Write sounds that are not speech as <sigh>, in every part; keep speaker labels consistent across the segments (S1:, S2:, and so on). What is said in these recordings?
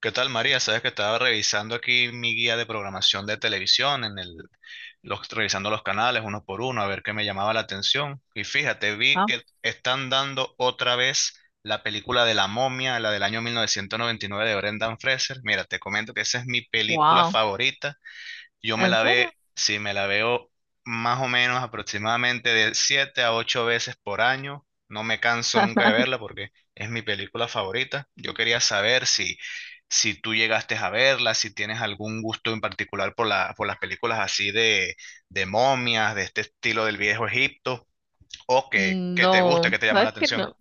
S1: ¿Qué tal, María? Sabes que estaba revisando aquí mi guía de programación de televisión, revisando los canales uno por uno, a ver qué me llamaba la atención. Y fíjate, vi
S2: Ah,
S1: que están dando otra vez la película de La Momia, la del año 1999 de Brendan Fraser. Mira, te comento que esa es mi película
S2: wow.
S1: favorita. Yo me
S2: ¿En
S1: la ve,
S2: serio?
S1: Sí, me la veo más o menos aproximadamente de siete a ocho veces por año. No me canso nunca de verla porque es mi película favorita. Yo quería saber si tú llegaste a verla, si tienes algún gusto en particular por por las películas así de momias, de este estilo del viejo Egipto, o que te gusta,
S2: No,
S1: que te llama la
S2: sabes que
S1: atención.
S2: no,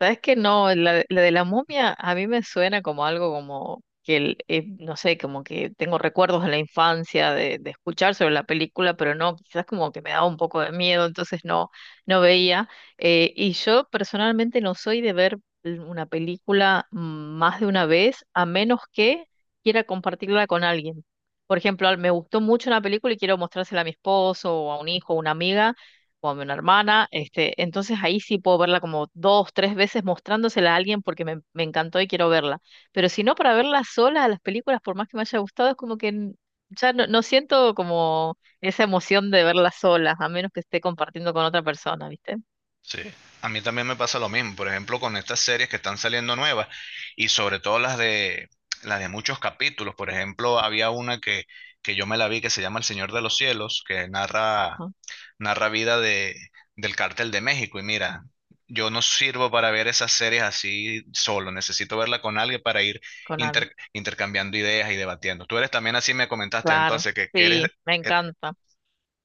S2: sabes que no, la de la momia a mí me suena como algo como que, no sé, como que tengo recuerdos de la infancia de escuchar sobre la película, pero no, quizás como que me daba un poco de miedo, entonces no, no veía. Y yo personalmente no soy de ver una película más de una vez, a menos que quiera compartirla con alguien. Por ejemplo, me gustó mucho una película y quiero mostrársela a mi esposo o a un hijo o una amiga como a una hermana, este, entonces ahí sí puedo verla como dos, tres veces mostrándosela a alguien porque me encantó y quiero verla. Pero si no, para verla sola a las películas, por más que me haya gustado, es como que ya no, no siento como esa emoción de verla sola, a menos que esté compartiendo con otra persona, ¿viste?
S1: Sí, a mí también me pasa lo mismo, por ejemplo, con estas series que están saliendo nuevas y sobre todo las de muchos capítulos. Por ejemplo, había una que yo me la vi, que se llama El Señor de los Cielos, que
S2: Ajá,
S1: narra vida de del Cártel de México. Y mira, yo no sirvo para ver esas series así solo, necesito verla con alguien para ir
S2: con alguien.
S1: intercambiando ideas y debatiendo. Tú eres también así, me comentaste
S2: Claro,
S1: entonces que eres,
S2: sí, me
S1: er-
S2: encanta.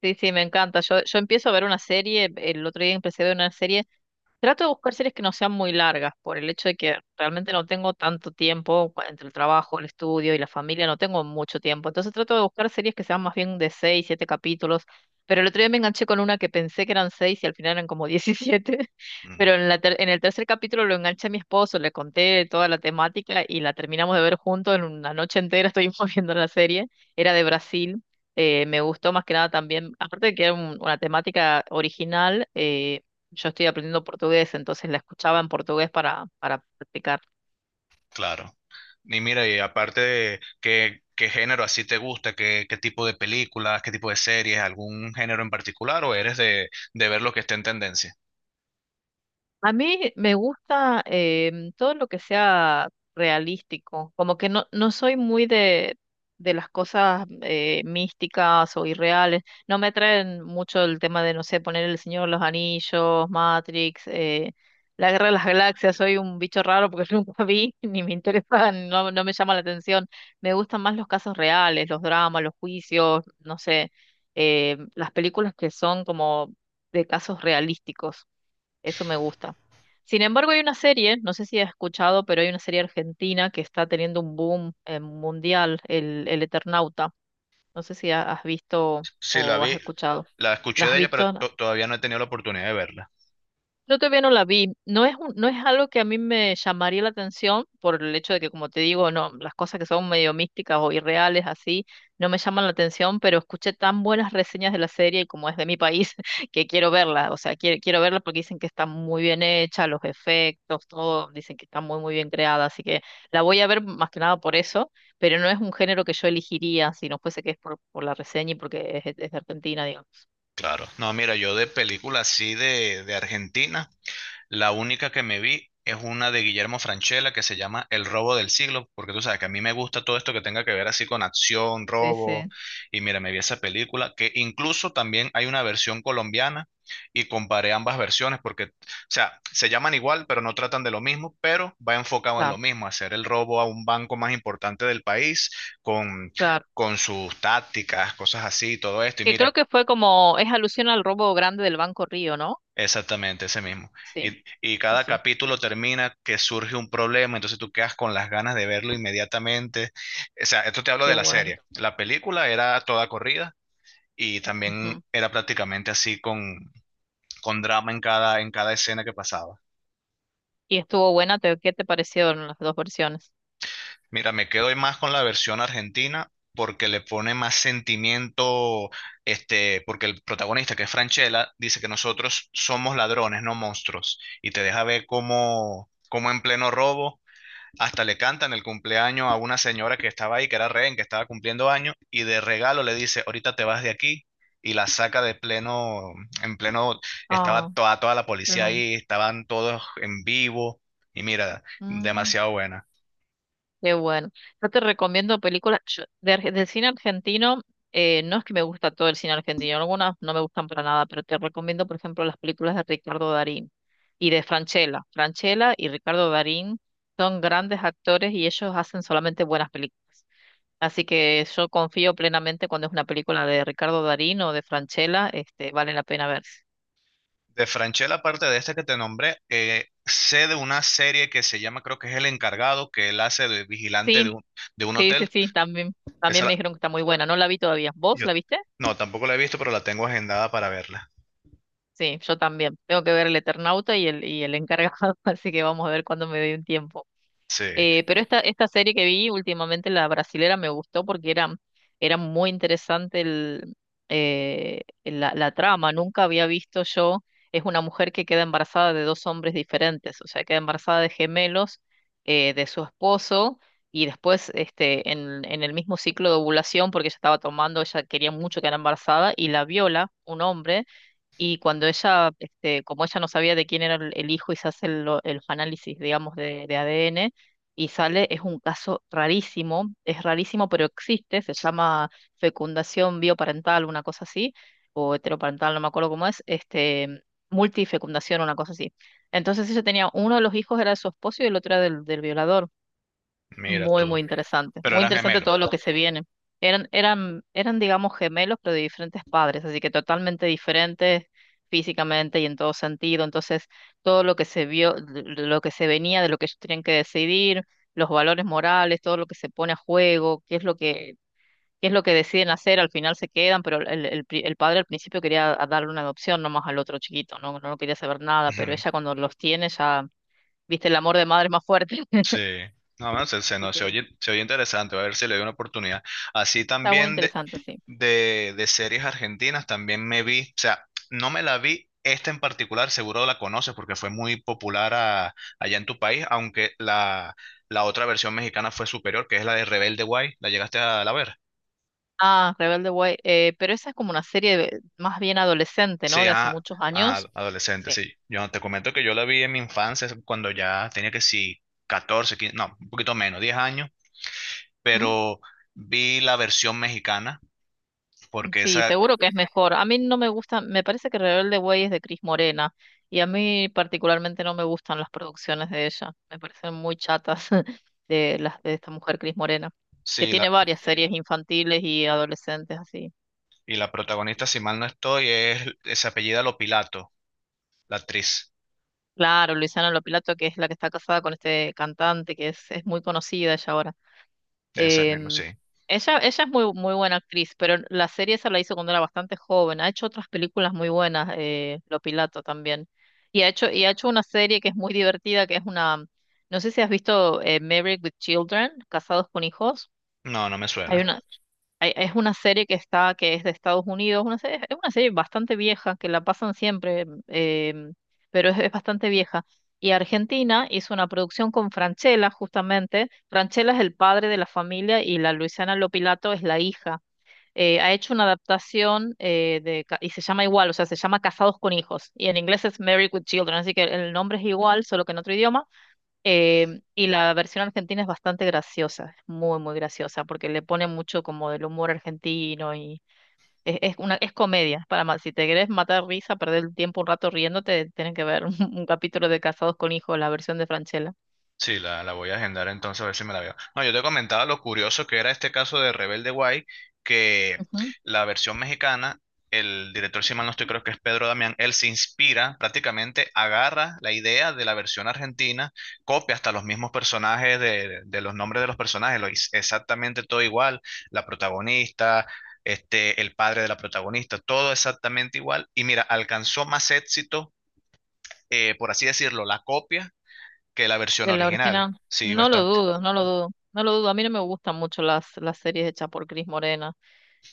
S2: Sí, sí, me encanta. Yo empiezo a ver una serie, el otro día empecé a ver una serie. Trato de buscar series que no sean muy largas, por el hecho de que realmente no tengo tanto tiempo entre el trabajo, el estudio y la familia, no tengo mucho tiempo. Entonces trato de buscar series que sean más bien de seis, siete capítulos. Pero el otro día me enganché con una que pensé que eran seis y al final eran como diecisiete. <laughs>
S1: mm,
S2: Pero en la en el tercer capítulo lo enganché a mi esposo, le conté toda la temática y la terminamos de ver juntos en una noche entera, <laughs> estuvimos viendo la serie. Era de Brasil. Me gustó más que nada también, aparte de que era una temática original. Yo estoy aprendiendo portugués, entonces la escuchaba en portugués para practicar.
S1: claro. Y mira, y aparte de qué, qué género así te gusta, qué, qué tipo de películas, qué tipo de series, algún género en particular, o eres de ver lo que está en tendencia.
S2: A mí me gusta todo lo que sea realístico, como que no, no soy muy de las cosas místicas o irreales, no me traen mucho el tema de, no sé, poner el Señor de los Anillos, Matrix, la Guerra de las Galaxias. Soy un bicho raro porque <laughs> nunca vi, ni me interesa, no, no me llama la atención. Me gustan más los casos reales, los dramas, los juicios, no sé, las películas que son como de casos realísticos. Eso me gusta. Sin embargo, hay una serie, no sé si has escuchado, pero hay una serie argentina que está teniendo un boom mundial, el Eternauta. No sé si has visto
S1: Sí, la
S2: o has
S1: vi,
S2: escuchado.
S1: la
S2: ¿La
S1: escuché
S2: has
S1: de ella, pero
S2: visto?
S1: todavía no he tenido la oportunidad de verla.
S2: Yo todavía no la vi. No es no es algo que a mí me llamaría la atención por el hecho de que, como te digo, no, las cosas que son medio místicas o irreales así no me llaman la atención, pero escuché tan buenas reseñas de la serie y como es de mi país <laughs> que quiero verla. O sea, quiero verla porque dicen que está muy bien hecha, los efectos, todo, dicen que está muy muy bien creada, así que la voy a ver más que nada por eso, pero no es un género que yo elegiría si no fuese que es por la reseña y porque es de Argentina, digamos.
S1: Claro. No, mira, yo de películas así de Argentina. La única que me vi es una de Guillermo Francella, que se llama El robo del siglo, porque tú sabes que a mí me gusta todo esto que tenga que ver así con acción,
S2: Sí,
S1: robo.
S2: sí.
S1: Y mira, me vi esa película, que incluso también hay una versión colombiana y comparé ambas versiones porque, o sea, se llaman igual, pero no tratan de lo mismo, pero va enfocado en lo
S2: Claro,
S1: mismo: hacer el robo a un banco más importante del país con...
S2: claro.
S1: con sus tácticas, cosas así, todo esto. Y
S2: Que creo
S1: mira,
S2: que fue como, es alusión al robo grande del Banco Río, ¿no?
S1: exactamente, ese mismo.
S2: Sí,
S1: Y
S2: sí,
S1: cada
S2: sí,
S1: capítulo termina que surge un problema, entonces tú quedas con las ganas de verlo inmediatamente. O sea, esto te hablo
S2: qué
S1: de la
S2: bueno.
S1: serie. La película era toda corrida y también
S2: Ujú.
S1: era prácticamente así con drama en cada escena que pasaba.
S2: Y estuvo buena, ¿qué te parecieron las dos versiones?
S1: Mira, me quedo más con la versión argentina porque le pone más sentimiento, este, porque el protagonista, que es Franchella, dice que nosotros somos ladrones, no monstruos, y te deja ver cómo en pleno robo hasta le cantan el cumpleaños a una señora que estaba ahí, que era rehén, que estaba cumpliendo años, y de regalo le dice, ahorita te vas de aquí, y la saca de pleno, en pleno, estaba
S2: Ah,
S1: toda, toda la policía
S2: no.
S1: ahí, estaban todos en vivo, y mira,
S2: Mm,
S1: demasiado buena.
S2: qué bueno. Yo te recomiendo películas de cine argentino. No es que me gusta todo el cine argentino, algunas no me gustan para nada, pero te recomiendo, por ejemplo, las películas de Ricardo Darín y de Francella. Francella y Ricardo Darín son grandes actores y ellos hacen solamente buenas películas. Así que yo confío plenamente cuando es una película de Ricardo Darín o de Francella, este, vale la pena verse.
S1: De Franchella, aparte de esta que te nombré, sé de una serie que se llama, creo que es El Encargado, que él hace de vigilante de
S2: Sí,
S1: de un
S2: sí, sí,
S1: hotel.
S2: sí, también, también
S1: Esa
S2: me
S1: la-
S2: dijeron que está muy buena. No la vi todavía. ¿Vos
S1: yo,
S2: la viste?
S1: no, tampoco la he visto, pero la tengo agendada para verla.
S2: Sí, yo también. Tengo que ver El Eternauta y el encargado, <laughs> así que vamos a ver cuándo me dé un tiempo.
S1: Sí,
S2: Pero esta serie que vi últimamente, la brasilera, me gustó porque era, era muy interesante la trama. Nunca había visto yo, es una mujer que queda embarazada de dos hombres diferentes, o sea, queda embarazada de gemelos de su esposo y después este, en el mismo ciclo de ovulación, porque ella estaba tomando, ella quería mucho quedar embarazada y la viola un hombre y cuando ella, este, como ella no sabía de quién era el hijo y se hace los análisis, digamos, de ADN, y sale, es un caso rarísimo, es rarísimo, pero existe, se llama fecundación bioparental, una cosa así, o heteroparental, no me acuerdo cómo es, este, multifecundación, una cosa así. Entonces ella tenía, uno de los hijos era de su esposo y el otro era del violador.
S1: mira
S2: Muy,
S1: tú.
S2: muy interesante.
S1: Pero
S2: Muy
S1: eran
S2: interesante
S1: gemelos.
S2: todo lo que se viene. Eran, eran, eran, digamos, gemelos, pero de diferentes padres, así que totalmente diferentes físicamente y en todo sentido. Entonces, todo lo que se vio, lo que se venía de lo que ellos tenían que decidir, los valores morales, todo lo que se pone a juego, qué es lo que, qué es lo que deciden hacer, al final se quedan, pero el padre al principio quería darle una adopción nomás al otro chiquito, no, no quería saber nada,
S1: Ujú.
S2: pero ella cuando los tiene ya, viste, el amor de madre es más fuerte. <laughs>
S1: Sí, no, no,
S2: Así
S1: no,
S2: que
S1: se oye interesante, voy a ver si le doy una oportunidad. Así
S2: está muy
S1: también
S2: interesante, sí.
S1: de series argentinas también me vi, o sea, no me la vi esta en particular, seguro la conoces porque fue muy popular allá en tu país, aunque la otra versión mexicana fue superior, que es la de Rebelde Way, ¿la llegaste a la ver?
S2: Ah, Rebelde Way. Pero esa es como una serie más bien adolescente, ¿no?
S1: Sí,
S2: De hace
S1: ah,
S2: muchos
S1: ah,
S2: años.
S1: adolescente,
S2: Sí.
S1: sí. Yo te comento que yo la vi en mi infancia, es cuando ya tenía que sí, 14 15, no, un poquito menos, 10 años,
S2: ¿Mm?
S1: pero vi la versión mexicana, porque
S2: Sí,
S1: esa,
S2: seguro que es mejor. A mí no me gusta, me parece que Rebelde Way es de Cris Morena y a mí particularmente no me gustan las producciones de ella. Me parecen muy chatas <laughs> de las de esta mujer Cris Morena, que
S1: sí,
S2: tiene
S1: la,
S2: varias series infantiles y adolescentes así.
S1: y la protagonista, si mal no estoy, es, se apellida Lopilato. La actriz
S2: Claro, Luisana Lopilato, que es la que está casada con este cantante, que es muy conocida ella ahora.
S1: de ese mismo, sí.
S2: Em, ella es muy, muy buena actriz, pero la serie esa la hizo cuando era bastante joven. Ha hecho otras películas muy buenas, Lo Pilato también. Y ha hecho una serie que es muy divertida, que es una, no sé si has visto Married with Children, Casados con Hijos.
S1: No, no me
S2: Hay
S1: suena.
S2: una, es una serie que está, que es de Estados Unidos, una serie, es una serie bastante vieja, que la pasan siempre, em, pero es bastante vieja. Y Argentina hizo una producción con Franchella, justamente. Franchella es el padre de la familia y la Luisiana Lopilato es la hija. Ha hecho una adaptación y se llama igual, o sea, se llama Casados con Hijos. Y en inglés es Married with Children, así que el nombre es igual, solo que en otro idioma. Y la versión argentina es bastante graciosa, es muy, muy graciosa, porque le pone mucho como del humor argentino y es una, es comedia. Para si te querés matar risa, perder el tiempo un rato riéndote, tienen que ver <laughs> un capítulo de Casados con Hijos, la versión de Franchella.
S1: Sí, la voy a agendar entonces a ver si me la veo. No, yo te comentaba lo curioso que era este caso de Rebelde Way, que
S2: Ujú.
S1: la versión mexicana, el director, si mal no estoy, creo que es Pedro Damián, él se inspira, prácticamente agarra la idea de la versión argentina, copia hasta los mismos personajes, de los nombres de los personajes, exactamente todo igual, la protagonista. Este, el padre de la protagonista, todo exactamente igual. Y mira, alcanzó más éxito, por así decirlo, la copia que la versión
S2: De la
S1: original.
S2: original.
S1: Sí,
S2: No lo
S1: bastante.
S2: dudo, no lo dudo, no lo dudo. A mí no me gustan mucho las series hechas por Cris Morena.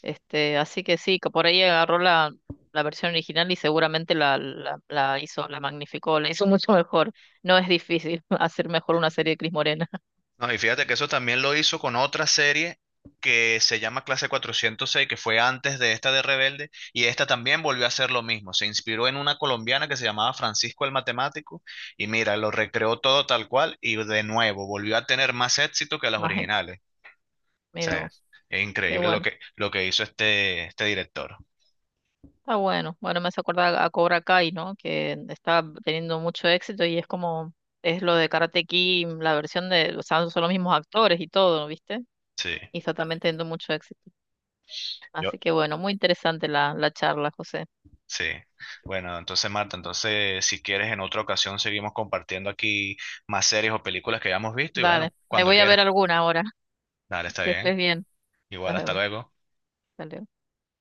S2: Este, así que sí, que por ahí agarró la versión original y seguramente la hizo, la magnificó, la hizo <laughs> mucho mejor. No es difícil <laughs> hacer mejor una serie de Cris Morena. <laughs>
S1: No, y fíjate que eso también lo hizo con otra serie que se llama Clase 406, que fue antes de esta de Rebelde, y esta también volvió a hacer lo mismo. Se inspiró en una colombiana que se llamaba Francisco el Matemático, y mira, lo recreó todo tal cual, y de nuevo volvió a tener más éxito que las
S2: Más ex.
S1: originales. O
S2: Mira
S1: sea,
S2: vos,
S1: es
S2: qué
S1: increíble
S2: bueno,
S1: lo que hizo este, este director.
S2: está bueno. Bueno, me hace acordar a Cobra Kai, ¿no? Que está teniendo mucho éxito y es como, es lo de Karate Kid, la versión de, o sea, son los mismos actores y todo, ¿viste?
S1: Sí.
S2: Y está también teniendo mucho éxito. Así que bueno, muy interesante la charla, José.
S1: Sí. Bueno, entonces Marta, entonces si quieres en otra ocasión seguimos compartiendo aquí más series o películas que hayamos visto y
S2: Dale,
S1: bueno,
S2: me
S1: cuando
S2: voy a ver
S1: quieras.
S2: alguna ahora. <laughs>
S1: Dale, está
S2: Que estés
S1: bien.
S2: bien.
S1: Igual,
S2: Nos
S1: hasta
S2: vemos.
S1: luego.
S2: Dale,